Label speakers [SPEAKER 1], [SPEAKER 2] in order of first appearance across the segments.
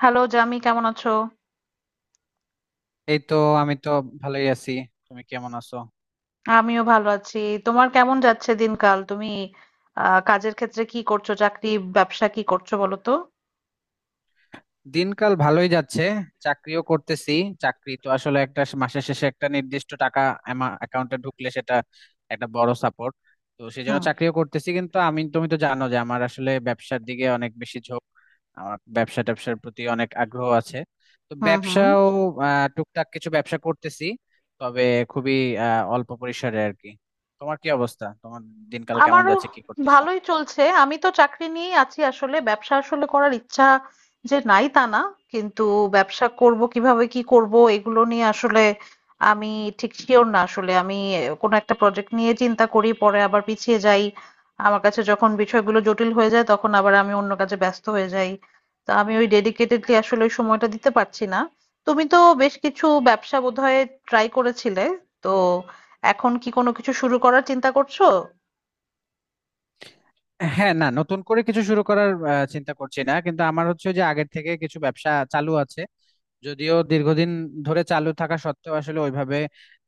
[SPEAKER 1] Hello Jami, কেমন আছো?
[SPEAKER 2] এই তো, আমি তো ভালোই আছি। তুমি কেমন আছো?
[SPEAKER 1] আমিও ভালো আছি। তোমার কেমন যাচ্ছে দিনকাল? তুমি কাজের ক্ষেত্রে কি করছো? চাকরি, ব্যবসা কি করছো বলো তো?
[SPEAKER 2] দিনকাল ভালোই যাচ্ছে। চাকরিও করতেছি। চাকরি তো আসলে একটা মাসের শেষে একটা নির্দিষ্ট টাকা অ্যাকাউন্টে ঢুকলে সেটা একটা বড় সাপোর্ট। তো সেই জন্য
[SPEAKER 1] হুম।
[SPEAKER 2] চাকরিও করতেছি, কিন্তু তুমি তো জানো যে আমার আসলে ব্যবসার দিকে অনেক বেশি ঝোঁক। আমার ব্যবসা ট্যাবসার প্রতি অনেক আগ্রহ আছে। তো
[SPEAKER 1] হুম। হুম।
[SPEAKER 2] ব্যবসাও টুকটাক কিছু ব্যবসা করতেছি, তবে খুবই অল্প পরিসরে আর কি। তোমার কি অবস্থা, তোমার দিনকাল কেমন
[SPEAKER 1] আমারও
[SPEAKER 2] যাচ্ছে, কি করতেছো?
[SPEAKER 1] ভালোই চলছে। আমি তো চাকরি নিয়েই আছি আসলে। ব্যবসা আসলে করার ইচ্ছা যে নাই তা না। কিন্তু ব্যবসা করব কিভাবে কি করব এগুলো নিয়ে আসলে আমি ঠিক শিওর না আসলে। আমি কোনো একটা প্রজেক্ট নিয়ে চিন্তা করি পরে আবার পিছিয়ে যাই। আমার কাছে যখন বিষয়গুলো জটিল হয়ে যায় তখন আবার আমি অন্য কাজে ব্যস্ত হয়ে যাই। তো আমি ওই ডেডিকেটেডলি আসলে ওই সময়টা দিতে পারছি না। তুমি তো বেশ কিছু ব্যবসা বোধহয় ট্রাই করেছিলে। তো এখন কি কোনো কিছু শুরু করার চিন্তা করছো?
[SPEAKER 2] হ্যাঁ, না, নতুন করে কিছু শুরু করার চিন্তা করছি না, কিন্তু আমার হচ্ছে যে আগের থেকে কিছু ব্যবসা চালু আছে। যদিও দীর্ঘদিন ধরে চালু থাকা সত্ত্বেও আসলে ওইভাবে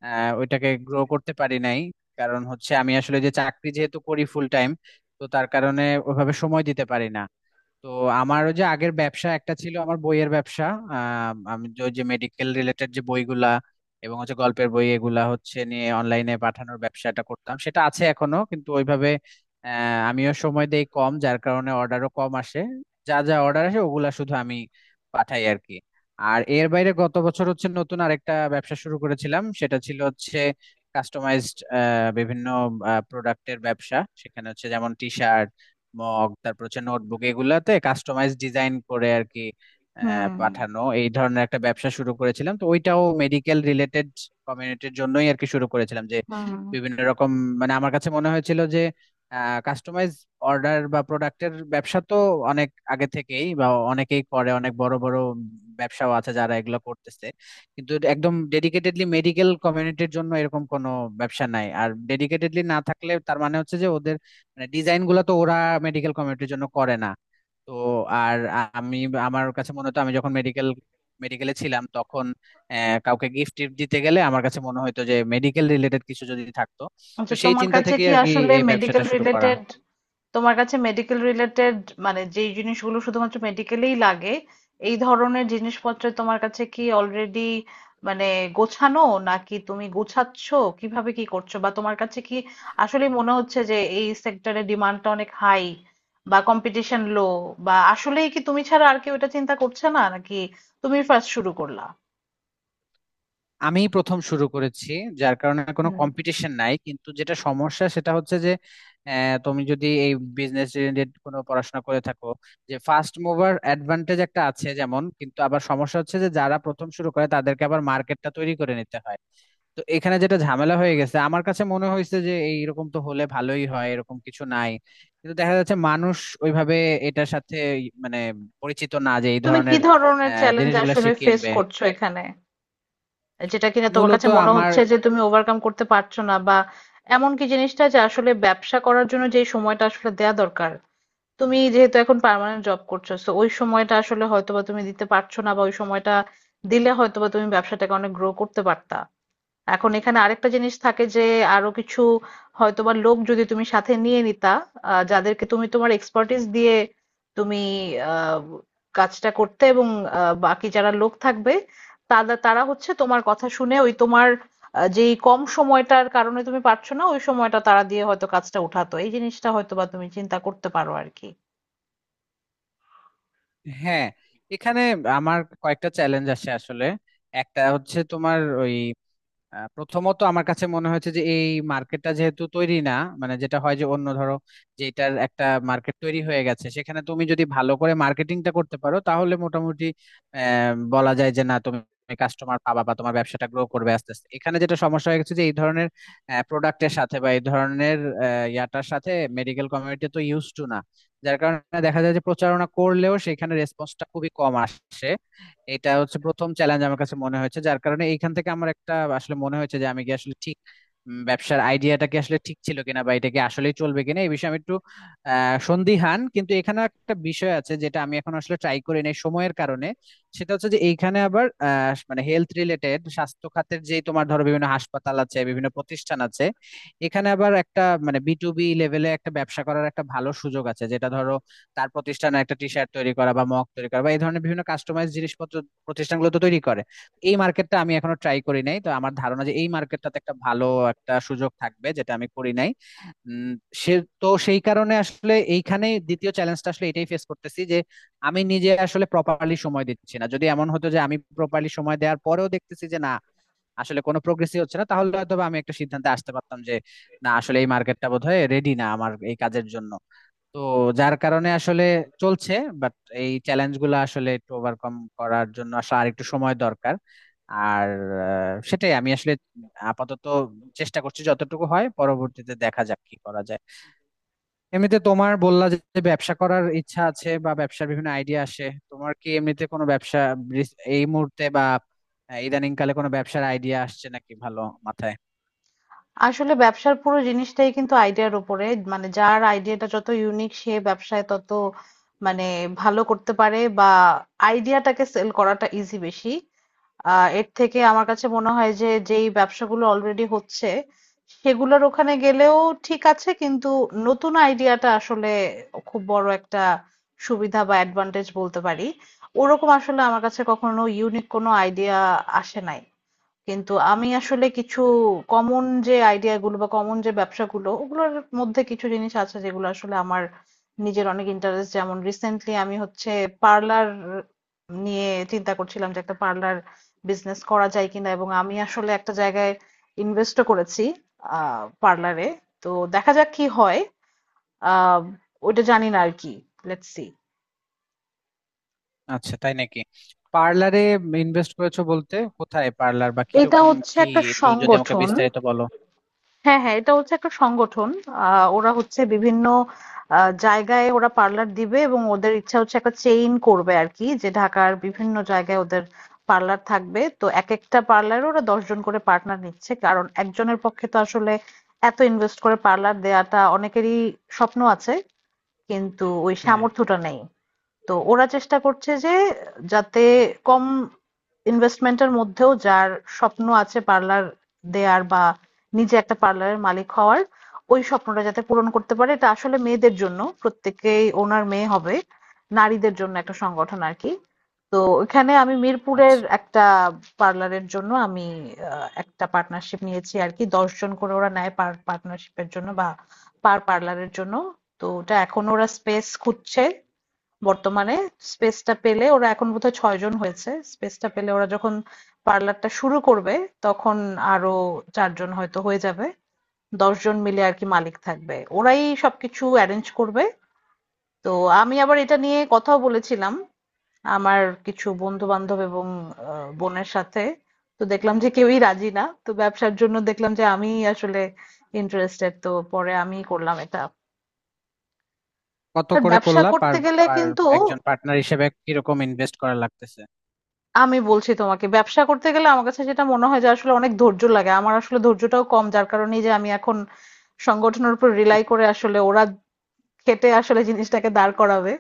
[SPEAKER 2] ওইটাকে গ্রো করতে পারি নাই। কারণ হচ্ছে আমি আসলে যে চাকরি যেহেতু করি ফুল টাইম, তো তার কারণে ওইভাবে সময় দিতে পারি না। তো আমারও যে আগের ব্যবসা একটা ছিল আমার বইয়ের ব্যবসা। আমি যে ওই যে মেডিকেল রিলেটেড যে বইগুলা এবং হচ্ছে গল্পের বই এগুলা হচ্ছে নিয়ে অনলাইনে পাঠানোর ব্যবসাটা করতাম, সেটা আছে এখনো কিন্তু ওইভাবে আহ, আমিও সময় দেই কম, যার কারণে অর্ডারও কম আসে। যা যা অর্ডার আসে ওগুলা শুধু আমি পাঠাই আর কি। আর এর বাইরে গত বছর হচ্ছে নতুন আরেকটা ব্যবসা শুরু করেছিলাম, সেটা ছিল হচ্ছে কাস্টমাইজড বিভিন্ন প্রোডাক্টের ব্যবসা। সেখানে হচ্ছে যেমন টি শার্ট, মগ, তারপর হচ্ছে নোটবুক এগুলাতে কাস্টমাইজ ডিজাইন করে আর কি
[SPEAKER 1] হুম।
[SPEAKER 2] পাঠানো, এই ধরনের একটা ব্যবসা শুরু করেছিলাম। তো ওইটাও মেডিকেল রিলেটেড কমিউনিটির জন্যই আর কি শুরু করেছিলাম যে
[SPEAKER 1] হুম।
[SPEAKER 2] বিভিন্ন রকম, মানে আমার কাছে মনে হয়েছিল যে কাস্টমাইজ অর্ডার বা প্রোডাক্টের ব্যবসা তো অনেক আগে থেকেই বা অনেকেই করে, অনেক বড় বড় ব্যবসাও আছে যারা এগুলো করতেছে। কিন্তু একদম ডেডিকেটেডলি মেডিকেল কমিউনিটির জন্য এরকম কোনো ব্যবসা নাই, আর ডেডিকেটেডলি না থাকলে তার মানে হচ্ছে যে ওদের মানে ডিজাইন গুলো তো ওরা মেডিকেল কমিউনিটির জন্য করে না। তো আর আমি আমার কাছে মনে হতো আমি যখন মেডিকেলে ছিলাম তখন কাউকে গিফট টিফট দিতে গেলে আমার কাছে মনে হতো যে মেডিকেল রিলেটেড কিছু যদি থাকতো। তো
[SPEAKER 1] আচ্ছা,
[SPEAKER 2] সেই
[SPEAKER 1] তোমার
[SPEAKER 2] চিন্তা
[SPEAKER 1] কাছে
[SPEAKER 2] থেকে
[SPEAKER 1] কি
[SPEAKER 2] আর কি
[SPEAKER 1] আসলে
[SPEAKER 2] এই ব্যবসাটা
[SPEAKER 1] মেডিকেল
[SPEAKER 2] শুরু করা।
[SPEAKER 1] রিলেটেড, তোমার কাছে মেডিকেল রিলেটেড মানে যেই জিনিসগুলো শুধুমাত্র মেডিকেলেই লাগে, এই ধরনের জিনিসপত্র তোমার কাছে কি অলরেডি মানে গোছানো, নাকি তুমি গোছাচ্ছ, কিভাবে কি করছো? বা তোমার কাছে কি আসলে মনে হচ্ছে যে এই সেক্টরে ডিমান্ডটা অনেক হাই বা কম্পিটিশন লো? বা আসলেই কি তুমি ছাড়া আর কেউ এটা চিন্তা করছে না, নাকি তুমি ফার্স্ট শুরু করলা?
[SPEAKER 2] আমি প্রথম শুরু করেছি, যার কারণে কোনো
[SPEAKER 1] হুম।
[SPEAKER 2] কম্পিটিশন নাই, কিন্তু যেটা সমস্যা সেটা হচ্ছে যে তুমি যদি এই বিজনেস রিলেটেড কোনো পড়াশোনা করে থাকো, যে ফার্স্ট মুভার অ্যাডভান্টেজ একটা আছে যেমন। কিন্তু আবার সমস্যা হচ্ছে যে যারা প্রথম শুরু করে তাদেরকে আবার মার্কেটটা তৈরি করে নিতে হয়। তো এখানে যেটা ঝামেলা হয়ে গেছে, আমার কাছে মনে হয়েছে যে এইরকম তো হলে ভালোই হয় এরকম কিছু নাই। কিন্তু দেখা যাচ্ছে মানুষ ওইভাবে এটার সাথে মানে পরিচিত না যে এই
[SPEAKER 1] তুমি কি
[SPEAKER 2] ধরনের
[SPEAKER 1] ধরনের চ্যালেঞ্জ
[SPEAKER 2] জিনিসগুলা সে
[SPEAKER 1] আসলে ফেস
[SPEAKER 2] কিনবে।
[SPEAKER 1] করছো এখানে? যেটা কিনা তোমার
[SPEAKER 2] মূলত
[SPEAKER 1] কাছে মনে
[SPEAKER 2] আমার
[SPEAKER 1] হচ্ছে যে তুমি ওভারকাম করতে পারছো না, বা এমন কি জিনিসটা? যে আসলে ব্যবসা করার জন্য যে সময়টা আসলে দেয়া দরকার, তুমি যেহেতু এখন পার্মানেন্ট জব করছো তো ওই সময়টা আসলে হয়তোবা তুমি দিতে পারছো না, বা ওই সময়টা দিলে হয়তোবা তুমি ব্যবসাটাকে অনেক গ্রো করতে পারতা। এখন এখানে আরেকটা জিনিস থাকে যে, আরো কিছু হয়তোবা লোক যদি তুমি সাথে নিয়ে নিতা, যাদেরকে তুমি তোমার এক্সপার্টিস দিয়ে তুমি আহ, কাজটা করতে, এবং বাকি যারা লোক থাকবে তারা তারা হচ্ছে তোমার কথা শুনে ওই তোমার যেই কম সময়টার কারণে তুমি পারছো না ওই সময়টা তারা দিয়ে হয়তো কাজটা উঠাতো, এই জিনিসটা হয়তোবা তুমি চিন্তা করতে পারো আর কি।
[SPEAKER 2] হ্যাঁ, এখানে আমার কয়েকটা চ্যালেঞ্জ আসে আসলে। একটা হচ্ছে তোমার ওই প্রথমত আমার কাছে মনে হয়েছে যে এই মার্কেটটা যেহেতু তৈরি না, মানে যেটা হয় যে অন্য ধরো যেটার একটা মার্কেট তৈরি হয়ে গেছে সেখানে তুমি যদি ভালো করে মার্কেটিংটা করতে পারো তাহলে মোটামুটি বলা যায় যে না, তুমি কাস্টমার পাবা বা তোমার ব্যবসাটা গ্রো করবে আস্তে আস্তে। এখানে যেটা সমস্যা হয়ে গেছে যে এই ধরনের প্রোডাক্টের সাথে বা এই ধরনের ইয়াটার সাথে মেডিকেল কমিউনিটি তো ইউজ টু না, যার কারণে দেখা যায় যে প্রচারণা করলেও সেখানে রেসপন্সটা খুবই কম আসে। এটা হচ্ছে প্রথম চ্যালেঞ্জ আমার কাছে মনে হয়েছে, যার কারণে এইখান থেকে আমার একটা আসলে মনে হয়েছে যে আমি কি আসলে ঠিক ব্যবসার আইডিয়াটা কি আসলে ঠিক ছিল কিনা বা এটা কি আসলে চলবে কিনা এই বিষয়ে আমি একটু সন্দিহান। কিন্তু এখানে একটা বিষয় আছে যেটা আমি এখন আসলে ট্রাই করি নাই সময়ের কারণে। সেটা হচ্ছে যে এইখানে আবার মানে হেলথ রিলেটেড স্বাস্থ্য খাতের যে তোমার ধরো বিভিন্ন হাসপাতাল আছে, বিভিন্ন প্রতিষ্ঠান আছে, এখানে আবার একটা মানে বিটুবি লেভেলে একটা ব্যবসা করার একটা ভালো সুযোগ আছে। যেটা ধরো তার প্রতিষ্ঠানে একটা টি শার্ট তৈরি করা বা মগ তৈরি করা বা এই ধরনের বিভিন্ন কাস্টমাইজ জিনিসপত্র প্রতিষ্ঠানগুলো তো তৈরি করে। এই মার্কেটটা আমি এখনো ট্রাই করি নাই, তো আমার ধারণা যে এই মার্কেটটাতে একটা ভালো একটা সুযোগ থাকবে যেটা আমি করি নাই। উম, সে তো সেই কারণে আসলে এইখানে দ্বিতীয় চ্যালেঞ্জটা আসলে এটাই ফেস করতেছি যে আমি নিজে আসলে প্রপারলি সময় দিচ্ছি না। যদি এমন হতো যে আমি প্রপারলি সময় দেওয়ার পরেও দেখতেছি যে না আসলে কোনো প্রোগ্রেসই হচ্ছে না, তাহলে হয়তো বা আমি একটা সিদ্ধান্তে আসতে পারতাম যে না, আসলে এই মার্কেটটা বোধহয় রেডি না আমার এই কাজের জন্য। তো যার কারণে আসলে চলছে, বাট এই চ্যালেঞ্জ গুলো আসলে একটু ওভারকাম করার জন্য আসলে আর একটু সময় দরকার। আর সেটাই আমি আসলে আপাতত চেষ্টা করছি যতটুকু হয়, পরবর্তীতে দেখা যাক কি করা যায়। এমনিতে তোমার বললা যে যে ব্যবসা করার ইচ্ছা আছে বা ব্যবসার বিভিন্ন আইডিয়া আসে, তোমার কি এমনিতে কোনো ব্যবসা এই মুহূর্তে বা ইদানিং কালে কোনো ব্যবসার আইডিয়া আসছে নাকি ভালো মাথায়?
[SPEAKER 1] আসলে ব্যবসার পুরো জিনিসটাই কিন্তু আইডিয়ার উপরে, মানে যার আইডিয়াটা যত ইউনিক সে ব্যবসায় তত মানে ভালো করতে পারে, বা আইডিয়াটাকে সেল করাটা ইজি বেশি। এর থেকে আমার কাছে মনে হয় যে যেই ব্যবসাগুলো অলরেডি হচ্ছে সেগুলোর ওখানে গেলেও ঠিক আছে, কিন্তু নতুন আইডিয়াটা আসলে খুব বড় একটা সুবিধা বা অ্যাডভান্টেজ বলতে পারি। ওরকম আসলে আমার কাছে কখনো ইউনিক কোনো আইডিয়া আসে নাই, কিন্তু আমি আসলে কিছু কমন যে আইডিয়াগুলো বা কমন যে ব্যবসাগুলো ওগুলোর মধ্যে কিছু জিনিস আছে যেগুলো আসলে আমার নিজের অনেক ইন্টারেস্ট। যেমন রিসেন্টলি আমি হচ্ছে পার্লার নিয়ে চিন্তা করছিলাম যে একটা পার্লার বিজনেস করা যায় কিনা, এবং আমি আসলে একটা জায়গায় ইনভেস্টও করেছি পার্লারে। তো দেখা যাক কি হয়। আহ ওইটা জানি না আর কি, লেটস সি।
[SPEAKER 2] আচ্ছা, তাই নাকি? পার্লারে ইনভেস্ট করেছো বলতে কোথায় পার্লার বা
[SPEAKER 1] এটা
[SPEAKER 2] কিরকম
[SPEAKER 1] হচ্ছে
[SPEAKER 2] কি,
[SPEAKER 1] একটা
[SPEAKER 2] একটু যদি আমাকে
[SPEAKER 1] সংগঠন।
[SPEAKER 2] বিস্তারিত বলো।
[SPEAKER 1] হ্যাঁ, হ্যাঁ, এটা হচ্ছে একটা সংগঠন। ওরা হচ্ছে বিভিন্ন জায়গায় ওরা পার্লার দিবে, এবং ওদের ইচ্ছা হচ্ছে একটা চেইন করবে আর কি, যে ঢাকার বিভিন্ন জায়গায় ওদের পার্লার থাকবে। তো এক একটা পার্লারে ওরা 10 জন করে পার্টনার নিচ্ছে, কারণ একজনের পক্ষে তো আসলে এত ইনভেস্ট করে পার্লার দেয়াটা, অনেকেরই স্বপ্ন আছে কিন্তু ওই
[SPEAKER 2] হ্যাঁ, হ্যাঁ।
[SPEAKER 1] সামর্থ্যটা নেই। তো ওরা চেষ্টা করছে যে, যাতে কম ইনভেস্টমেন্টের মধ্যেও যার স্বপ্ন আছে পার্লার দেয়ার বা নিজে একটা পার্লারের মালিক হওয়ার, ওই স্বপ্নটা যাতে পূরণ করতে পারে। এটা আসলে মেয়েদের জন্য, প্রত্যেকেই ওনার মেয়ে হবে, নারীদের জন্য একটা সংগঠন আর কি। তো ওখানে আমি মিরপুরের
[SPEAKER 2] আচ্ছা।
[SPEAKER 1] একটা পার্লারের জন্য আমি একটা পার্টনারশিপ নিয়েছি আর কি। দশজন করে ওরা নেয় পার পার্টনারশিপের জন্য বা পার পার্লারের জন্য। তো ওটা এখন ওরা স্পেস খুঁজছে বর্তমানে। স্পেসটা পেলে, ওরা এখন বোধহয় ছয়জন হয়েছে, স্পেসটা পেলে ওরা যখন পার্লারটা শুরু করবে তখন আরো চারজন হয়তো হয়ে যাবে, 10 জন মিলে আর কি মালিক থাকবে, ওরাই সবকিছু অ্যারেঞ্জ করবে। তো আমি আবার এটা নিয়ে কথাও বলেছিলাম আমার কিছু বন্ধু বান্ধব এবং বোনের সাথে। তো দেখলাম যে কেউই রাজি না, তো ব্যবসার জন্য দেখলাম যে আমি আসলে ইন্টারেস্টেড, তো পরে আমি করলাম এটা।
[SPEAKER 2] কত
[SPEAKER 1] আর
[SPEAKER 2] করে
[SPEAKER 1] ব্যবসা
[SPEAKER 2] করলা পার
[SPEAKER 1] করতে গেলে
[SPEAKER 2] পার
[SPEAKER 1] কিন্তু
[SPEAKER 2] একজন পার্টনার হিসেবে কিরকম ইনভেস্ট করা লাগতেছে?
[SPEAKER 1] আমি বলছি তোমাকে, ব্যবসা করতে গেলে আমার কাছে যেটা মনে হয় যে আসলে অনেক ধৈর্য লাগে, আমার আসলে ধৈর্যটাও কম, যার কারণেই যে আমি এখন সংগঠনের উপর রিলাই করে আসলে ওরা খেটে আসলে জিনিসটাকে দাঁড় করাবে,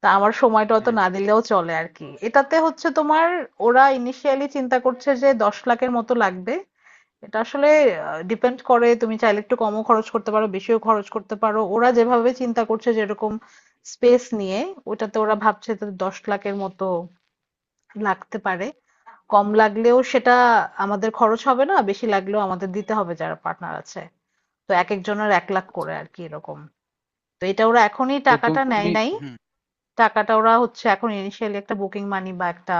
[SPEAKER 1] তা আমার সময়টা অত
[SPEAKER 2] হ্যাঁ।
[SPEAKER 1] না দিলেও চলে আর কি, এটাতে হচ্ছে তোমার। ওরা ইনিশিয়ালি চিন্তা করছে যে 10 লাখের মতো লাগবে। এটা আসলে ডিপেন্ড করে, তুমি চাইলে একটু কমও খরচ করতে পারো, বেশিও খরচ করতে পারো। ওরা যেভাবে চিন্তা করছে, যেরকম স্পেস নিয়ে ওটাতে ওরা ভাবছে, তো 10 লাখের মতো লাগতে পারে। কম লাগলেও সেটা আমাদের খরচ হবে না, বেশি লাগলেও আমাদের দিতে হবে যারা পার্টনার আছে। তো একেকজনের 1 লাখ
[SPEAKER 2] আচ্ছা।
[SPEAKER 1] করে আরকি, এরকম। তো এটা ওরা এখনই
[SPEAKER 2] তো
[SPEAKER 1] টাকাটা নেয়
[SPEAKER 2] তুমি।
[SPEAKER 1] নাই।
[SPEAKER 2] হুম।
[SPEAKER 1] টাকাটা ওরা হচ্ছে এখন initially একটা বুকিং মানি বা একটা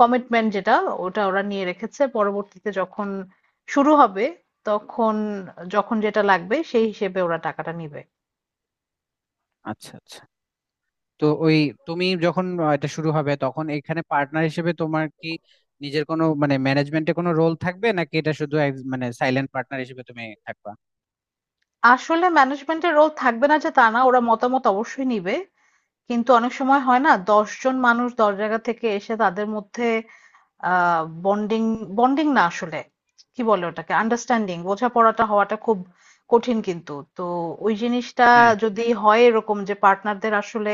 [SPEAKER 1] কমিটমেন্ট যেটা, ওটা ওরা নিয়ে রেখেছে। পরবর্তীতে যখন শুরু হবে তখন যখন যেটা লাগবে সেই হিসেবে ওরা টাকাটা নিবে।
[SPEAKER 2] আচ্ছা, আচ্ছা। তো ওই, তুমি যখন এটা শুরু হবে তখন এখানে পার্টনার হিসেবে তোমার কি নিজের কোনো মানে ম্যানেজমেন্টে কোনো রোল থাকবে, নাকি এটা শুধু মানে সাইলেন্ট পার্টনার হিসেবে তুমি থাকবা?
[SPEAKER 1] আসলে ম্যানেজমেন্টের রোল থাকবে না যে তা না, ওরা মতামত অবশ্যই নিবে। কিন্তু অনেক সময় হয় না, 10 জন মানুষ 10 জায়গা থেকে এসে তাদের মধ্যে বন্ডিং, বন্ডিং না আসলে, কি বলে ওটাকে, আন্ডারস্ট্যান্ডিং, বোঝাপড়াটা হওয়াটা খুব কঠিন কিন্তু। তো ওই জিনিসটা
[SPEAKER 2] হ্যাঁ।
[SPEAKER 1] যদি হয় এরকম যে পার্টনারদের আসলে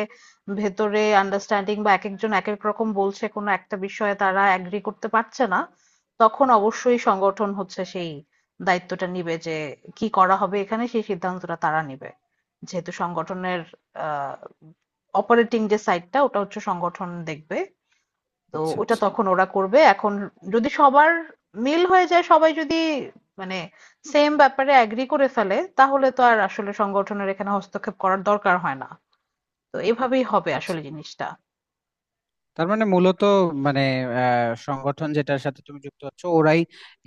[SPEAKER 1] ভেতরে আন্ডারস্ট্যান্ডিং, বা এক একজন এক এক রকম বলছে, কোনো একটা বিষয়ে তারা অ্যাগ্রি করতে পারছে না, তখন অবশ্যই সংগঠন হচ্ছে সেই দায়িত্বটা নিবে যে কি করা হবে, এখানে সেই সিদ্ধান্তটা তারা নিবে। যেহেতু সংগঠনের আহ অপারেটিং যে সাইডটা, ওটা হচ্ছে সংগঠন দেখবে, তো
[SPEAKER 2] আচ্ছা,
[SPEAKER 1] ওটা
[SPEAKER 2] আচ্ছা।
[SPEAKER 1] তখন ওরা করবে। এখন যদি সবার মিল হয়ে যায়, সবাই যদি মানে সেম ব্যাপারে অ্যাগ্রি করে ফেলে, তাহলে তো আর আসলে সংগঠনের এখানে হস্তক্ষেপ করার দরকার হয় না। তো এভাবেই হবে
[SPEAKER 2] আচ্ছা,
[SPEAKER 1] আসলে জিনিসটা।
[SPEAKER 2] তার মানে মূলত মানে সংগঠন যেটার সাথে তুমি যুক্ত হচ্ছ ওরাই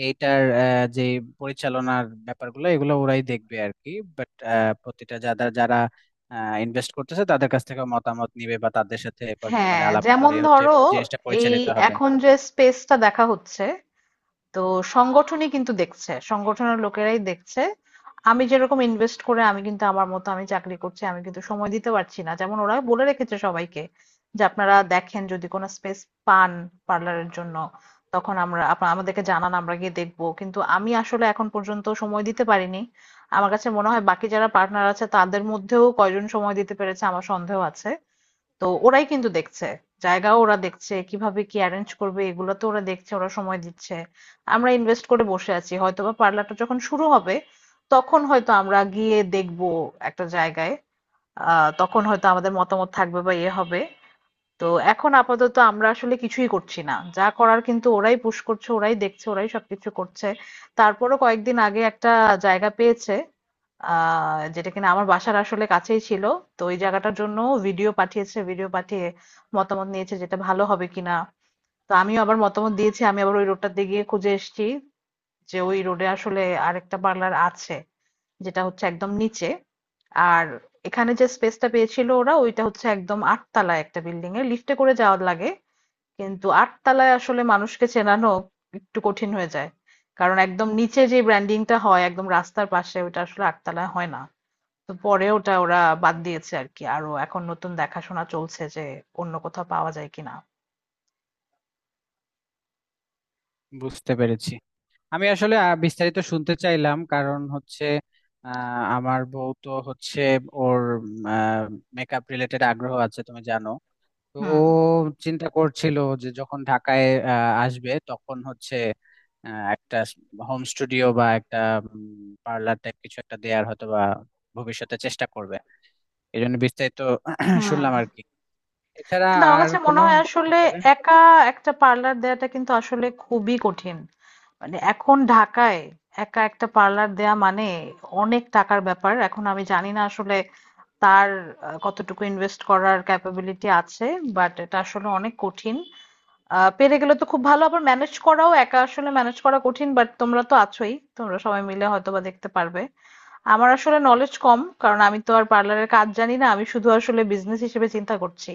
[SPEAKER 2] এইটার যে পরিচালনার ব্যাপারগুলো এগুলো ওরাই দেখবে আর কি। বাট প্রতিটা যারা যারা ইনভেস্ট করতেছে তাদের কাছ থেকে মতামত নিবে বা তাদের সাথে এবার মানে
[SPEAKER 1] হ্যাঁ,
[SPEAKER 2] আলাপ
[SPEAKER 1] যেমন
[SPEAKER 2] করে হচ্ছে
[SPEAKER 1] ধরো
[SPEAKER 2] জিনিসটা
[SPEAKER 1] এই
[SPEAKER 2] পরিচালিত হবে।
[SPEAKER 1] এখন যে স্পেসটা দেখা হচ্ছে, তো সংগঠনই কিন্তু দেখছে, সংগঠনের লোকেরাই দেখছে। আমি যেরকম ইনভেস্ট করে, আমি কিন্তু আমার মতো আমি চাকরি করছি, আমি কিন্তু সময় দিতে পারছি না, যেমন ওরা বলে রেখেছে সবাইকে যে আপনারা দেখেন যদি কোনো স্পেস পান পার্লারের জন্য তখন আমরা আপনা- আমাদেরকে জানান, আমরা গিয়ে দেখবো। কিন্তু আমি আসলে এখন পর্যন্ত সময় দিতে পারিনি। আমার কাছে মনে হয় বাকি যারা পার্টনার আছে তাদের মধ্যেও কয়জন সময় দিতে পেরেছে আমার সন্দেহ আছে। তো ওরাই কিন্তু দেখছে, জায়গাও ওরা দেখছে, কিভাবে কি অ্যারেঞ্জ করবে এগুলো তো ওরা দেখছে, ওরা সময় দিচ্ছে, আমরা ইনভেস্ট করে বসে আছি। হয়তোবা পার্লারটা যখন শুরু হবে তখন হয়তো আমরা গিয়ে দেখবো একটা জায়গায়, তখন হয়তো আমাদের মতামত থাকবে বা ইয়ে হবে। তো এখন আপাতত আমরা আসলে কিছুই করছি না, যা করার কিন্তু ওরাই পুশ করছে, ওরাই দেখছে, ওরাই সবকিছু করছে। তারপরও কয়েকদিন আগে একটা জায়গা পেয়েছে যেটা কিনা আমার বাসার আসলে কাছেই ছিল। তো ওই জায়গাটার জন্য ভিডিও পাঠিয়েছে, ভিডিও পাঠিয়ে মতামত নিয়েছে যেটা ভালো হবে কিনা। তো আমিও আবার মতামত দিয়েছি, আমি আবার ওই রোডটাতে গিয়ে খুঁজে এসেছি যে ওই রোডে আসলে আরেকটা পার্লার আছে যেটা হচ্ছে একদম নিচে। আর এখানে যে স্পেসটা পেয়েছিল ওরা, ওইটা হচ্ছে একদম আটতলায় একটা বিল্ডিং এ, লিফটে করে যাওয়ার লাগে। কিন্তু আটতলায় আসলে মানুষকে চেনানো একটু কঠিন হয়ে যায়, কারণ একদম নিচে যে ব্র্যান্ডিংটা হয় একদম রাস্তার পাশে, ওটা আসলে আটতলায় হয় না। তো পরে ওটা ওরা বাদ দিয়েছে আর কি, আরো এখন নতুন দেখাশোনা চলছে যে অন্য কোথাও পাওয়া যায় কিনা।
[SPEAKER 2] বুঝতে পেরেছি। আমি আসলে বিস্তারিত শুনতে চাইলাম, কারণ হচ্ছে আমার বউ তো হচ্ছে ওর মেকআপ রিলেটেড আগ্রহ আছে, তুমি জানো। তো ও
[SPEAKER 1] হুম।
[SPEAKER 2] চিন্তা করছিল যে যখন ঢাকায় আসবে তখন হচ্ছে একটা হোম স্টুডিও বা একটা পার্লার টাইপ কিছু একটা দেয়ার হয়তো বা ভবিষ্যতে চেষ্টা করবে। এই জন্য বিস্তারিত শুনলাম আর
[SPEAKER 1] হুম।
[SPEAKER 2] কি। এছাড়া
[SPEAKER 1] কিন্তু আমার
[SPEAKER 2] আর
[SPEAKER 1] কাছে মনে
[SPEAKER 2] কোনো
[SPEAKER 1] হয় আসলে
[SPEAKER 2] ব্যাপারে।
[SPEAKER 1] একা একটা পার্লার দেওয়াটা কিন্তু আসলে খুবই কঠিন। মানে এখন ঢাকায় একা একটা পার্লার দেয়া মানে অনেক টাকার ব্যাপার। এখন আমি জানি না আসলে তার কতটুকু ইনভেস্ট করার ক্যাপাবিলিটি আছে, বাট এটা আসলে অনেক কঠিন। পেরে গেলে তো খুব ভালো। আবার ম্যানেজ করাও, একা আসলে ম্যানেজ করা কঠিন, বাট তোমরা তো আছোই, তোমরা সবাই মিলে হয়তো বা দেখতে পারবে। আমার আসলে নলেজ কম, কারণ আমি তো আর পার্লারের কাজ জানি না, আমি শুধু আসলে বিজনেস হিসেবে চিন্তা করছি।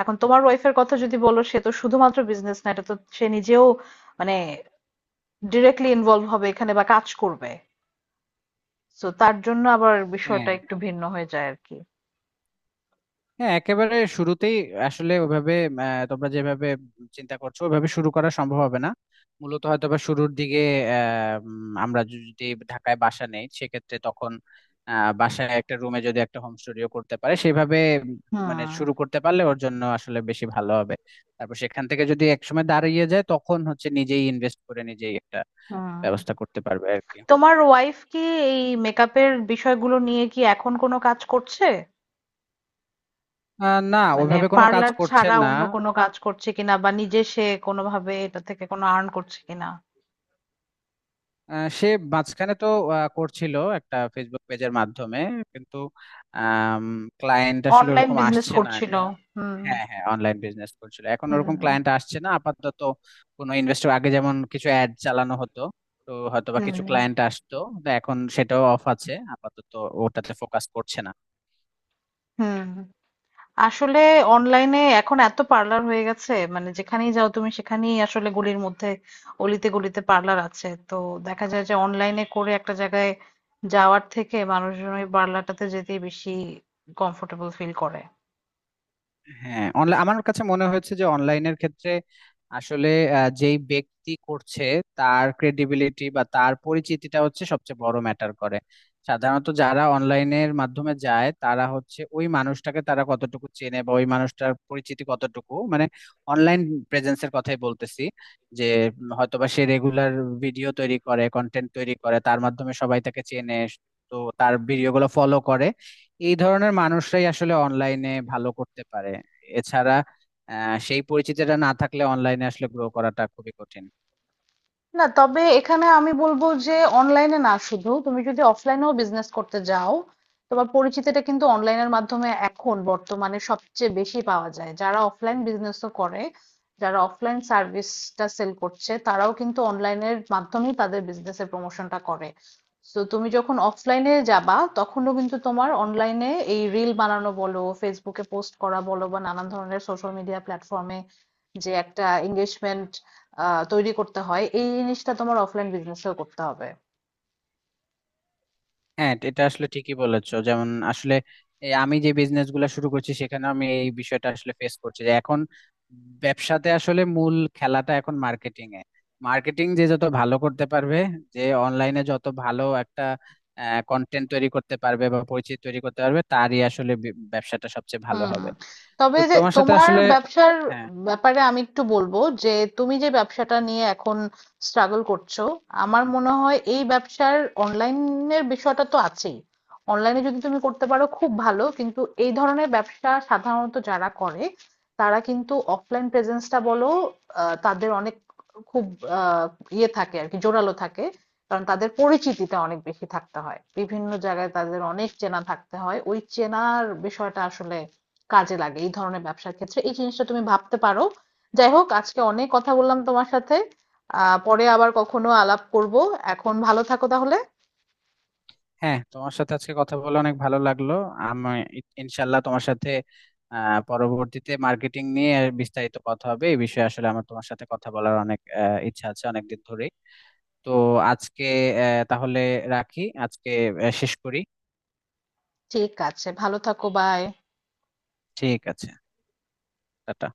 [SPEAKER 1] এখন তোমার ওয়াইফের কথা যদি বলো, সে তো শুধুমাত্র বিজনেস না, এটা তো সে নিজেও মানে ডিরেক্টলি ইনভলভ হবে এখানে বা কাজ করবে, তো তার জন্য আবার বিষয়টা
[SPEAKER 2] হ্যাঁ,
[SPEAKER 1] একটু ভিন্ন হয়ে যায় আর কি।
[SPEAKER 2] হ্যাঁ, একেবারে শুরুতেই আসলে ওভাবে তোমরা যেভাবে চিন্তা করছো ওভাবে শুরু করা সম্ভব হবে না। মূলত হয়তো বা শুরুর দিকে আমরা যদি ঢাকায় বাসা নেই সেক্ষেত্রে তখন বাসায় একটা রুমে যদি একটা হোম স্টুডিও করতে পারে সেভাবে
[SPEAKER 1] হুম।
[SPEAKER 2] মানে শুরু করতে পারলে ওর জন্য আসলে বেশি ভালো হবে। তারপর সেখান থেকে যদি একসময় দাঁড়িয়ে যায় তখন হচ্ছে নিজেই ইনভেস্ট করে নিজেই একটা
[SPEAKER 1] হুম।
[SPEAKER 2] ব্যবস্থা করতে পারবে আর কি।
[SPEAKER 1] তোমার ওয়াইফ কি এই মেকআপের বিষয়গুলো নিয়ে কি এখন কোনো কাজ করছে?
[SPEAKER 2] না,
[SPEAKER 1] মানে
[SPEAKER 2] ওইভাবে কোনো কাজ
[SPEAKER 1] পার্লার
[SPEAKER 2] করছে
[SPEAKER 1] ছাড়া
[SPEAKER 2] না।
[SPEAKER 1] অন্য কোনো কাজ করছে কিনা, বা নিজে সে কোনোভাবে এটা থেকে কোনো আর্ন করছে কিনা?
[SPEAKER 2] সে মাঝখানে তো করছিল একটা ফেসবুক পেজের মাধ্যমে, কিন্তু ক্লায়েন্ট আসলে
[SPEAKER 1] অনলাইন
[SPEAKER 2] ওরকম
[SPEAKER 1] বিজনেস
[SPEAKER 2] আসছে না
[SPEAKER 1] করছিল।
[SPEAKER 2] এখন।
[SPEAKER 1] হুম।
[SPEAKER 2] হ্যাঁ, হ্যাঁ, অনলাইন বিজনেস করছিল, এখন ওরকম
[SPEAKER 1] হুম।
[SPEAKER 2] ক্লায়েন্ট আসছে না আপাতত। কোনো ইনভেস্টর আগে যেমন কিছু অ্যাড চালানো হতো, তো হয়তোবা কিছু
[SPEAKER 1] হুম।
[SPEAKER 2] ক্লায়েন্ট আসতো। তো এখন সেটাও অফ আছে আপাতত, ওটাতে ফোকাস করছে না।
[SPEAKER 1] হুম। আসলে অনলাইনে এখন এত পার্লার হয়ে গেছে, মানে যেখানেই যাও তুমি, সেখানেই আসলে গলির মধ্যে, অলিতে গলিতে পার্লার আছে। তো দেখা যায় যে অনলাইনে করে একটা জায়গায় যাওয়ার থেকে মানুষজন ওই পার্লারটাতে যেতেই বেশি কমফোর্টেবল ফিল করে।
[SPEAKER 2] হ্যাঁ, অনলাইন আমার কাছে মনে হয়েছে যে অনলাইনের ক্ষেত্রে আসলে যেই ব্যক্তি করছে তার ক্রেডিবিলিটি বা তার পরিচিতিটা হচ্ছে সবচেয়ে বড় ম্যাটার করে। সাধারণত যারা অনলাইনের মাধ্যমে যায় তারা হচ্ছে ওই মানুষটাকে তারা কতটুকু চেনে বা ওই মানুষটার পরিচিতি কতটুকু, মানে অনলাইন প্রেজেন্সের কথাই বলতেছি, যে হয়তোবা সে রেগুলার ভিডিও তৈরি করে কন্টেন্ট তৈরি করে তার মাধ্যমে সবাই তাকে চেনে, তো তার ভিডিওগুলো ফলো করে। এই ধরনের মানুষরাই আসলে অনলাইনে ভালো করতে পারে। এছাড়া সেই পরিচিতিটা না থাকলে অনলাইনে আসলে গ্রো করাটা খুবই কঠিন।
[SPEAKER 1] না, তবে এখানে আমি বলবো যে অনলাইনে না শুধু, তুমি যদি অফলাইনেও বিজনেস করতে যাও, তোমার পরিচিতিটা কিন্তু অনলাইনের মাধ্যমে এখন বর্তমানে সবচেয়ে বেশি পাওয়া যায়। যারা অফলাইন বিজনেসও করে, যারা অফলাইন সার্ভিসটা সেল করছে, তারাও কিন্তু অনলাইনের মাধ্যমেই তাদের বিজনেসের প্রমোশনটা করে। তো তুমি যখন অফলাইনে যাবা তখনও কিন্তু তোমার অনলাইনে এই রিল বানানো বলো, ফেসবুকে পোস্ট করা বলো, বা নানান ধরনের সোশ্যাল মিডিয়া প্ল্যাটফর্মে যে একটা এঙ্গেজমেন্ট তৈরি করতে হয়, এই জিনিসটা তোমার অফলাইন বিজনেসেও করতে হবে।
[SPEAKER 2] হ্যাঁ, এটা এটা আসলে ঠিকই বলেছো। যেমন আসলে এই আমি যে বিজনেস গুলো শুরু করছি সেখানে আমি এই বিষয়টা আসলে ফেস করছি যে এখন ব্যবসাতে আসলে মূল খেলাটা এখন মার্কেটিং এ। মার্কেটিং যে যত ভালো করতে পারবে, যে অনলাইনে যত ভালো একটা কন্টেন্ট তৈরি করতে পারবে বা পরিচিতি তৈরি করতে পারবে তারই আসলে ব্যবসাটা সবচেয়ে ভালো
[SPEAKER 1] হুম।
[SPEAKER 2] হবে। তো
[SPEAKER 1] তবে যে
[SPEAKER 2] তোমার সাথে
[SPEAKER 1] তোমার
[SPEAKER 2] আসলে,
[SPEAKER 1] ব্যবসার
[SPEAKER 2] হ্যাঁ,
[SPEAKER 1] ব্যাপারে আমি একটু বলবো যে, তুমি যে ব্যবসাটা নিয়ে এখন স্ট্রাগল করছো, আমার মনে হয় এই ব্যবসার অনলাইনের বিষয়টা তো আছেই, অনলাইনে যদি তুমি করতে পারো খুব ভালো, কিন্তু এই ধরনের ব্যবসা সাধারণত যারা করে, তারা কিন্তু অফলাইন প্রেজেন্সটা বলো, তাদের অনেক খুব আহ, ইয়ে থাকে আর কি, জোরালো থাকে। কারণ তাদের পরিচিতিটা অনেক বেশি থাকতে হয়, বিভিন্ন জায়গায় তাদের অনেক চেনা থাকতে হয়, ওই চেনার বিষয়টা আসলে কাজে লাগে এই ধরনের ব্যবসার ক্ষেত্রে, এই জিনিসটা তুমি ভাবতে পারো। যাই হোক, আজকে অনেক কথা বললাম তোমার সাথে, পরে আবার কখনো আলাপ করব। এখন ভালো থাকো তাহলে।
[SPEAKER 2] হ্যাঁ, তোমার সাথে আজকে কথা বলে অনেক ভালো লাগলো। আমি ইনশাল্লাহ তোমার সাথে পরবর্তীতে মার্কেটিং নিয়ে বিস্তারিত কথা হবে, এই বিষয়ে আসলে আমার তোমার সাথে কথা বলার অনেক ইচ্ছা আছে অনেকদিন ধরেই। তো আজকে তাহলে রাখি আজকে, শেষ করি।
[SPEAKER 1] ঠিক আছে, ভালো থাকো, বাই।
[SPEAKER 2] ঠিক আছে। টাটা।